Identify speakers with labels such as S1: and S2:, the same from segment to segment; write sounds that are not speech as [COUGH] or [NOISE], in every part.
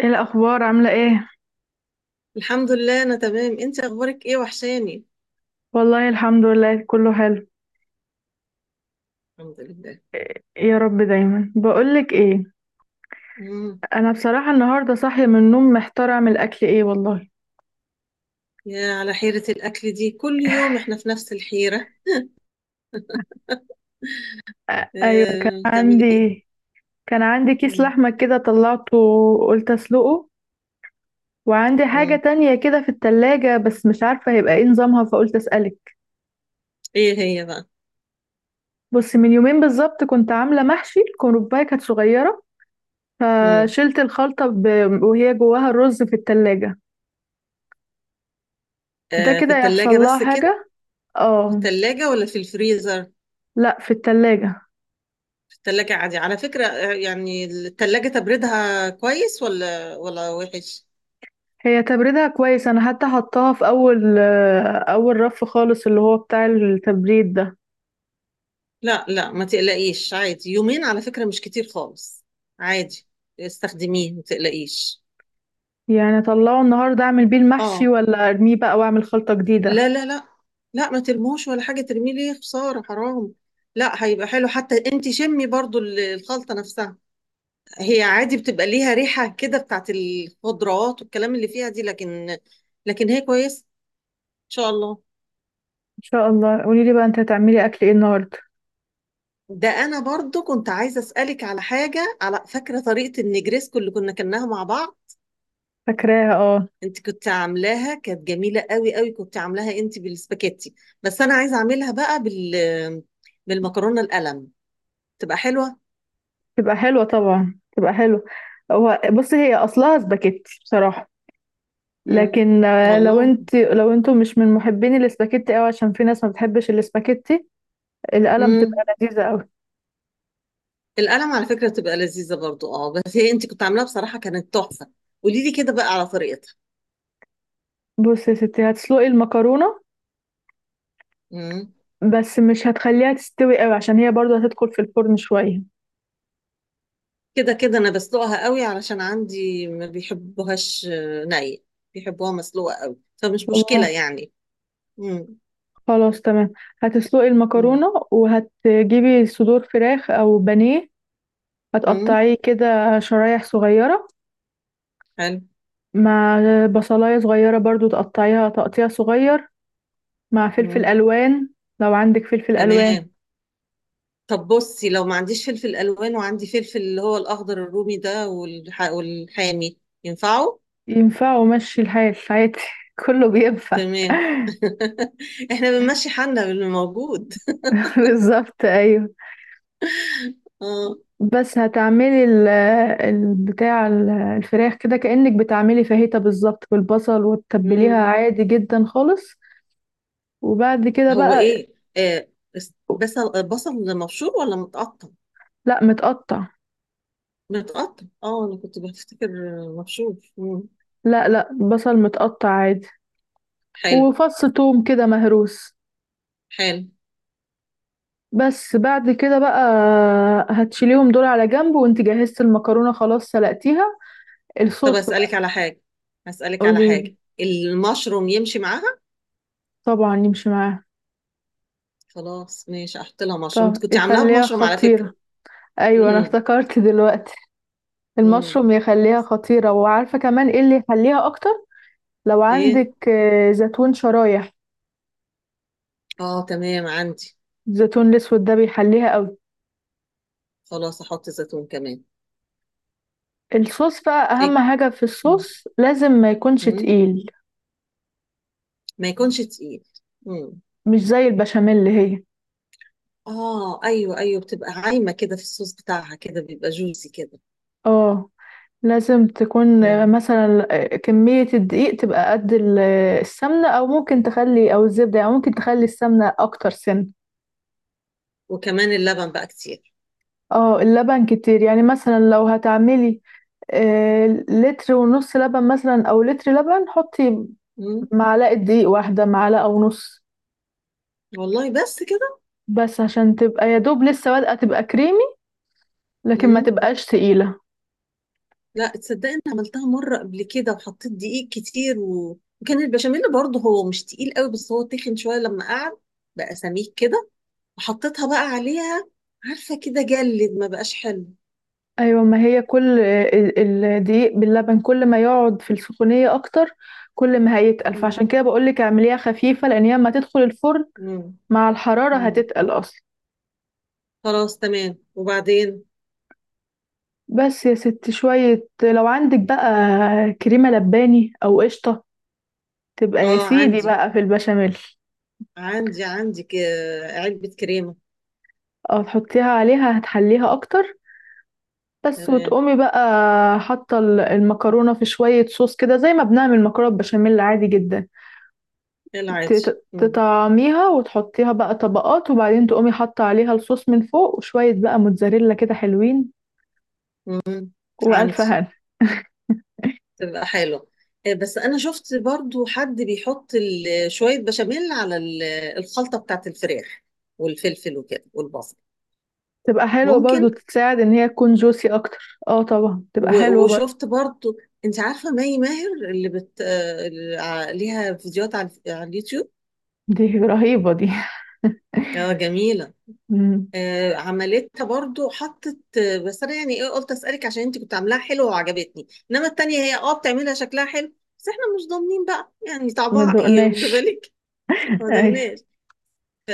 S1: ايه الاخبار؟ عامله ايه؟
S2: الحمد لله، انا تمام. انت اخبارك ايه؟ وحشاني.
S1: والله الحمد لله، كله حلو.
S2: الحمد لله.
S1: يا رب دايما. بقولك ايه؟
S2: امم
S1: انا بصراحه النهارده صاحيه من النوم، محتاره اعمل اكل ايه والله.
S2: يا على حيرة الاكل دي، كل يوم احنا في نفس الحيرة.
S1: ايوه، كان
S2: تعملي ايه؟
S1: عندي. كان عندي كيس
S2: مم.
S1: لحمه كده، طلعته وقلت اسلقه. وعندي حاجه
S2: مم.
S1: تانية كده في التلاجة بس مش عارفه هيبقى ايه نظامها، فقلت اسالك.
S2: ايه هي بقى؟
S1: بص، من يومين بالظبط كنت عامله محشي الكرنبايه كانت صغيره،
S2: مم.
S1: فشلت الخلطه وهي جواها الرز في التلاجة. ده
S2: في
S1: كده يحصل
S2: التلاجة
S1: لها
S2: بس كده؟
S1: حاجه؟
S2: في
S1: اه.
S2: التلاجة ولا في الفريزر؟
S1: لا، في التلاجة.
S2: في التلاجة عادي على فكرة، يعني التلاجة تبردها كويس، ولا وحش؟
S1: هي تبريدها كويس، انا حتى حطاها في اول اول رف خالص، اللي هو بتاع التبريد ده.
S2: لا، لا، ما تقلقيش. عادي يومين على فكرة، مش كتير خالص. عادي. استخدميه، ما تقلقيش.
S1: يعني اطلعه النهارده اعمل بيه المحشي،
S2: اه.
S1: ولا ارميه بقى واعمل خلطة جديدة؟
S2: لا، لا، لا. لا، ما ترموش ولا حاجة، ترميه ليه؟ خسارة حرام. لا، هيبقى حلو. حتى انت شمي برضو الخلطة نفسها. هي عادي بتبقى ليها ريحة كده، بتاعت الخضروات والكلام اللي فيها دي، لكن هي كويس ان شاء الله.
S1: ان شاء الله. قولي لي بقى انت هتعملي اكل ايه النهارده؟
S2: ده انا برضو كنت عايزة اسألك على حاجة، على فاكرة طريقة النجريسكو اللي كنا كناها مع بعض؟
S1: فاكراها، اه.
S2: انت كنت عاملاها، كانت جميلة قوي قوي. كنت عاملاها انت بالسباكيتي، بس انا عايزة اعملها بقى بالمكرونة القلم. تبقى حلوة.
S1: تبقى حلوة، طبعا تبقى حلوة. هو بصي، هي اصلها سباكيتي بصراحة،
S2: مم.
S1: لكن لو
S2: والله.
S1: انت لو انتم مش من محبين الاسباجيتي قوي، عشان في ناس ما بتحبش الاسباجيتي. القلم
S2: مم.
S1: تبقى لذيذة قوي.
S2: القلم على فكرة بتبقى لذيذة برضو. اه، بس هي انت كنت عاملاها بصراحة كانت تحفة. قولي لي كده بقى على طريقتها.
S1: بصي يا ستي، هتسلقي المكرونة
S2: مم.
S1: بس مش هتخليها تستوي قوي عشان هي برضو هتدخل في الفرن شوية.
S2: كده كده انا بسلقها قوي، علشان عندي ما بيحبوهاش، آه، ني بيحبوها مسلوقة قوي، فمش مشكلة
S1: والله.
S2: يعني. مم.
S1: خلاص، تمام. هتسلقي
S2: مم.
S1: المكرونة وهتجيبي صدور فراخ أو بانيه،
S2: مم.
S1: هتقطعيه كده شرايح صغيرة،
S2: حلو.
S1: مع بصلاية صغيرة برضو تقطعيها تقطيع صغير، مع فلفل
S2: مم.
S1: ألوان لو عندك فلفل ألوان.
S2: تمام. طب بصي، لو ما عنديش فلفل الوان، وعندي فلفل اللي هو الاخضر الرومي ده، والحامي، ينفعوا؟
S1: ينفع ومشي الحال عادي [LAUGHS] كله بينفع.
S2: تمام. [LAUGHS] احنا بنمشي حالنا باللي موجود.
S1: [LAUGHS] بالظبط، أيوه.
S2: اه.
S1: بس هتعملي الفراخ كده كأنك بتعملي فاهيتا بالظبط، بالبصل، وتتبليها
S2: مم.
S1: عادي جدا خالص. وبعد كده
S2: هو
S1: بقى،
S2: ايه بس بس البصل مبشور ولا متقطع؟
S1: لا متقطع.
S2: متقطع. اه، انا كنت بفتكر مبشور. مم.
S1: لا لا، بصل متقطع عادي.
S2: حلو
S1: وفص توم كده مهروس.
S2: حلو.
S1: بس بعد كده بقى هتشيليهم دول على جنب، وانت جهزت المكرونة خلاص سلقتيها.
S2: طب،
S1: الصوص
S2: اسالك
S1: بقى.
S2: على حاجه، اسالك على
S1: قوليلي.
S2: حاجه، المشروم يمشي معاها؟
S1: طبعا يمشي معاها.
S2: خلاص، ماشي، احط لها مشروم.
S1: طب
S2: انت كنت عاملاها
S1: يخليها
S2: بمشروم على فكره.
S1: خطيرة. ايوه، انا
S2: مم.
S1: افتكرت دلوقتي.
S2: مم.
S1: المشروم يخليها خطيرة، وعارفة كمان ايه اللي يحليها اكتر؟ لو
S2: ايه.
S1: عندك زيتون شرايح.
S2: اه، تمام، عندي.
S1: الزيتون الاسود ده بيحليها قوي.
S2: خلاص، احط زيتون كمان.
S1: الصوص بقى، اهم
S2: ايه.
S1: حاجة في
S2: مم.
S1: الصوص لازم ما يكونش
S2: مم.
S1: تقيل،
S2: ما يكونش تقيل. امم.
S1: مش زي البشاميل اللي هي.
S2: اه، ايوه، ايوه، بتبقى عايمه كده في الصوص بتاعها. كده بيبقى جوسي كده.
S1: اه. لازم تكون
S2: امم.
S1: مثلا كمية الدقيق تبقى قد السمنة، او ممكن تخلي او الزبدة، يعني ممكن تخلي السمنة اكتر سن.
S2: وكمان اللبن بقى كتير.
S1: اه، اللبن كتير، يعني مثلا لو هتعملي لتر ونص لبن، مثلا، او لتر لبن، حطي
S2: امم.
S1: معلقة دقيق واحدة، معلقة ونص،
S2: والله، بس كده؟
S1: بس عشان تبقى يا دوب لسه بادئة تبقى كريمي، لكن ما
S2: امم.
S1: تبقاش تقيلة.
S2: لا تصدقي، انا عملتها مره قبل كده وحطيت دقيق كتير وكان البشاميل برضه هو مش تقيل قوي، بس هو تخن شويه لما قعد، بقى سميك كده. وحطيتها بقى عليها، عارفه؟ كده جلد، ما بقاش حلو.
S1: ايوه، ما هي كل الدقيق باللبن كل ما يقعد في السخونية اكتر، كل ما هيتقل.
S2: امم.
S1: فعشان كده بقولك اعمليها خفيفة، لان هي اما تدخل الفرن
S2: امم.
S1: مع الحرارة
S2: امم.
S1: هتتقل اصلا.
S2: خلاص، تمام، وبعدين؟
S1: بس يا ست شوية، لو عندك بقى كريمة لباني او قشطة، تبقى يا
S2: اه،
S1: سيدي
S2: عندي
S1: بقى في البشاميل،
S2: عندي عندي علبة كريمة.
S1: او تحطيها عليها هتحليها اكتر. بس،
S2: تمام.
S1: وتقومي بقى حاطه المكرونه في شويه صوص كده، زي ما بنعمل مكرونه بشاميل عادي جدا،
S2: ايه، العادي. مم.
S1: تطعميها وتحطيها بقى طبقات، وبعدين تقومي حاطه عليها الصوص من فوق، وشويه بقى موتزاريلا كده حلوين،
S2: مم.
S1: والف
S2: عندي.
S1: هنا.
S2: تبقى حلو. إيه، بس أنا شفت برضو حد بيحط شوية بشاميل على الخلطة بتاعت الفراخ والفلفل وكده والبصل.
S1: تبقى حلوه برضو،
S2: ممكن.
S1: تساعد ان هي تكون جوسي اكتر، اه طبعا تبقى حلوه برضو.
S2: وشفت برضو، أنت عارفة مي ماهر، اللي بت... آه، اللي ع- ليها فيديوهات على اليوتيوب؟
S1: دي رهيبه دي [LAUGHS]
S2: اه، جميلة.
S1: مم.
S2: عملتها برضو، حطت، بس انا يعني ايه، قلت اسالك عشان انت كنت عاملاها حلوه وعجبتني، انما التانية هي اه بتعملها شكلها حلو. بس احنا مش ضامنين بقى، يعني
S1: ما
S2: طعمها ايه، واخده
S1: دقناش.
S2: بالك؟ [LAUGHS] ما
S1: ايوه،
S2: ضمناش. ف-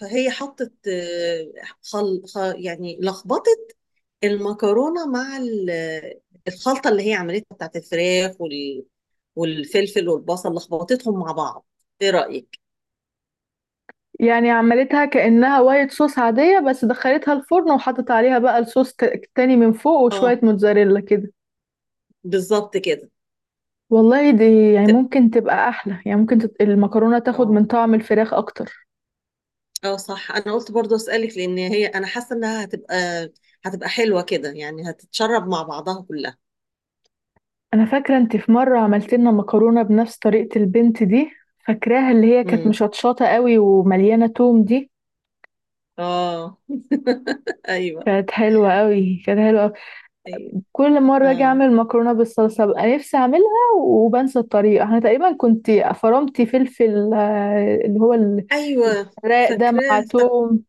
S2: فهي حطت، يعني لخبطت المكرونه مع الخلطه اللي هي عملتها بتاعت الفراخ والفلفل والبصل، لخبطتهم مع بعض. ايه رايك؟
S1: يعني عملتها كأنها وايت صوص عادية، بس دخلتها الفرن وحطت عليها بقى الصوص تاني من فوق، وشوية
S2: اه،
S1: موتزاريلا كده.
S2: بالظبط كده.
S1: والله، دي يعني
S2: ت-
S1: ممكن تبقى أحلى، يعني ممكن المكرونة تاخد
S2: اه،
S1: من طعم الفراخ أكتر.
S2: اه، صح. انا قلت برضو اسالك، لان هي انا حاسه انها هتبقى هتبقى حلوه كده، يعني هتتشرب مع بعضها كلها.
S1: أنا فاكرة أنت في مرة عملت لنا مكرونة بنفس طريقة البنت دي، فاكراها اللي هي كانت
S2: امم.
S1: مشطشطة قوي ومليانة توم دي.
S2: اه، ايوه،
S1: كانت حلوة قوي، كانت حلوة قوي.
S2: ايوه،
S1: كل مرة أجي
S2: اه،
S1: أعمل مكرونة بالصلصة ببقى نفسي أعملها وبنسى الطريقة. أنا تقريبا كنت فرمتي فلفل اللي هو
S2: ايوه،
S1: راق ده مع
S2: فاكراه.
S1: توم.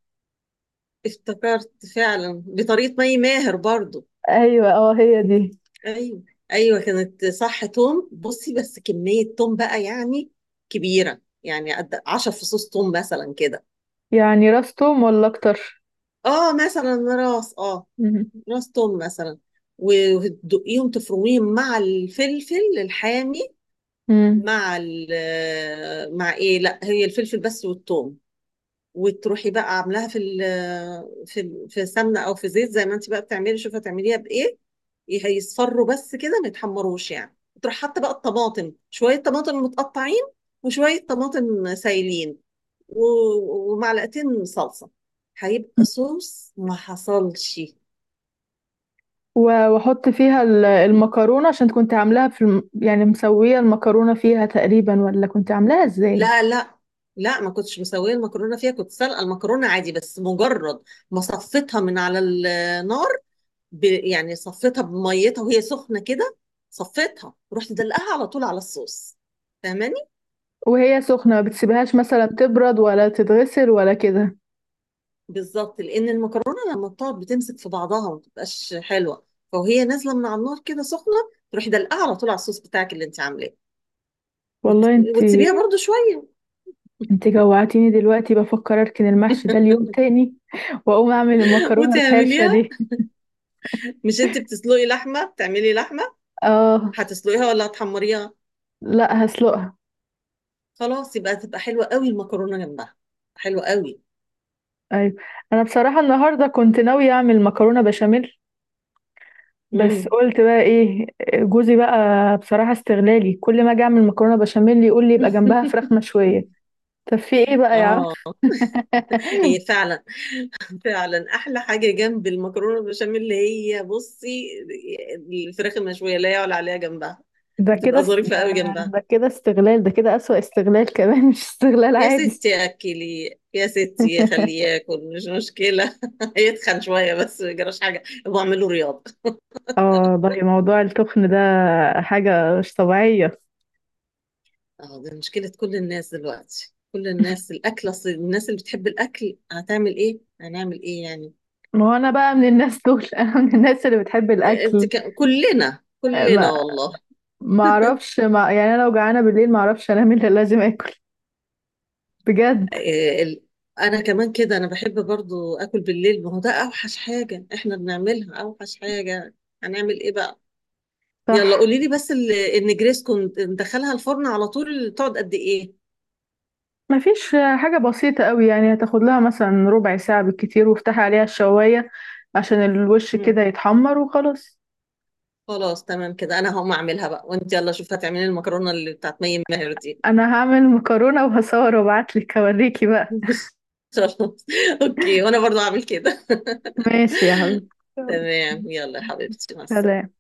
S2: افتكرت فعلا بطريقه مي ماهر برضو.
S1: ايوه، اه هي دي.
S2: ايوه، ايوه. كانت صح، توم. بصي، بس كميه توم بقى يعني كبيره، يعني قد 10 فصوص توم مثلا كده.
S1: يعني راس توم ولا اكتر؟
S2: اه، مثلا،
S1: مم.
S2: راس توم مثلا. وتدقيهم تفرميهم مع الفلفل الحامي.
S1: مم.
S2: مع ال مع ايه، لا، هي الفلفل بس والثوم. وتروحي بقى عاملاها في سمنه او في زيت، زي ما انت بقى بتعملي. شوفي هتعمليها بايه. هيصفروا بس كده، ما يتحمروش. يعني تروح حاطه بقى الطماطم، شويه طماطم متقطعين، وشويه طماطم سايلين، ومعلقتين صلصة. هيبقى صوص ما حصلش.
S1: واحط فيها المكرونه، عشان كنت عاملاها في يعني مسويه المكرونه فيها تقريبا، ولا كنت عاملاها ازاي؟
S2: لا، لا، لا، ما كنتش مسوية المكرونة فيها. كنت سلقة المكرونة عادي، بس مجرد ما صفيتها من على النار، يعني صفيتها بميتها وهي سخنة كده، صفيتها ورحت دلقاها على طول على الصوص. فاهماني؟
S1: وهي سخنه، ما بتسيبهاش مثلا تبرد ولا تتغسل ولا كده؟
S2: بالظبط. لان المكرونه لما بتقعد بتمسك في بعضها وما بتبقاش حلوه، فوهي نازله من على النار كده سخنه، تروحي دلقاها على طول على الصوص بتاعك اللي انت عاملاه.
S1: والله انت،
S2: وتسيبيها برضو شويه.
S1: انت جوعتيني دلوقتي، بفكر اركن المحشي ده اليوم
S2: [LAUGHS]
S1: تاني [LAUGHS] واقوم اعمل المكرونه الحرشه
S2: وتعمليها.
S1: دي.
S2: مش انت بتسلقي لحمه، بتعملي لحمه،
S1: اه.
S2: هتسلقيها ولا هتحمريها؟
S1: لا، هسلقها.
S2: خلاص، يبقى تبقى حلوه قوي، المكرونه جنبها، حلوه قوي.
S1: ايوه، انا بصراحه النهارده كنت ناويه اعمل مكرونه بشاميل، بس
S2: مم.
S1: قلت بقى ايه، جوزي بقى بصراحة استغلالي، كل ما اجي اعمل مكرونة بشاميل يقول لي يبقى جنبها فراخ
S2: [LAUGHS]
S1: مشوية. طب في ايه بقى يا عم؟
S2: اه، هي
S1: [LAUGHS]
S2: فعلا فعلا احلى حاجه جنب المكرونه البشاميل، اللي هي، بصي، الفراخ المشويه لا يعلى عليها جنبها.
S1: ده كده
S2: بتبقى ظريفه قوي جنبها.
S1: ده كده استغلال، ده كده أسوأ استغلال كمان، مش استغلال
S2: يا
S1: عادي.
S2: ستي، اكلي يا ستي، خليه
S1: [LAUGHS]
S2: ياكل، مش مشكله. [LAUGHS] يتخن شويه، بس ما يجراش حاجه، بعمل له رياضه.
S1: اه والله، موضوع التخن ده حاجة مش طبيعية.
S2: اه، ده مشكلة كل الناس دلوقتي، كل الناس، الأكل، أصل الناس اللي بتحب الأكل هتعمل إيه؟ هنعمل إيه يعني؟
S1: ما هو انا بقى من الناس دول [LAUGHS] انا من الناس اللي بتحب الاكل.
S2: كلنا كلنا
S1: ما
S2: والله.
S1: ما اعرفش، ما يعني، انا لو جعانة بالليل ما اعرفش انام الا لازم اكل، بجد.
S2: آه، ال... أنا كمان كده، أنا بحب برضو أكل بالليل. ما هو ده أوحش حاجة إحنا بنعملها، أوحش حاجة. هنعمل إيه بقى؟ يلا،
S1: صح.
S2: قولي لي بس، النجريسكو ندخلها الفرن على طول تقعد قد إيه؟
S1: مفيش. حاجة بسيطة قوي، يعني هتاخد لها مثلا ربع ساعة بالكتير، وافتحي عليها الشواية عشان الوش
S2: مم.
S1: كده يتحمر وخلاص.
S2: خلاص، تمام كده. أنا هقوم أعملها بقى، وأنت يلا شوف هتعملي المكرونة اللي بتاعت مي ماهر دي.
S1: انا هعمل مكرونة وهصور وابعتلك اوريكي بقى.
S2: [LAUGHS] خلاص، اوكي، وانا برضو هعمل كده. [LAUGHS]
S1: ماشي يا حبيبي، يلا.
S2: تمام، يلا يا حبيبتي، مع السلامة.
S1: سلام.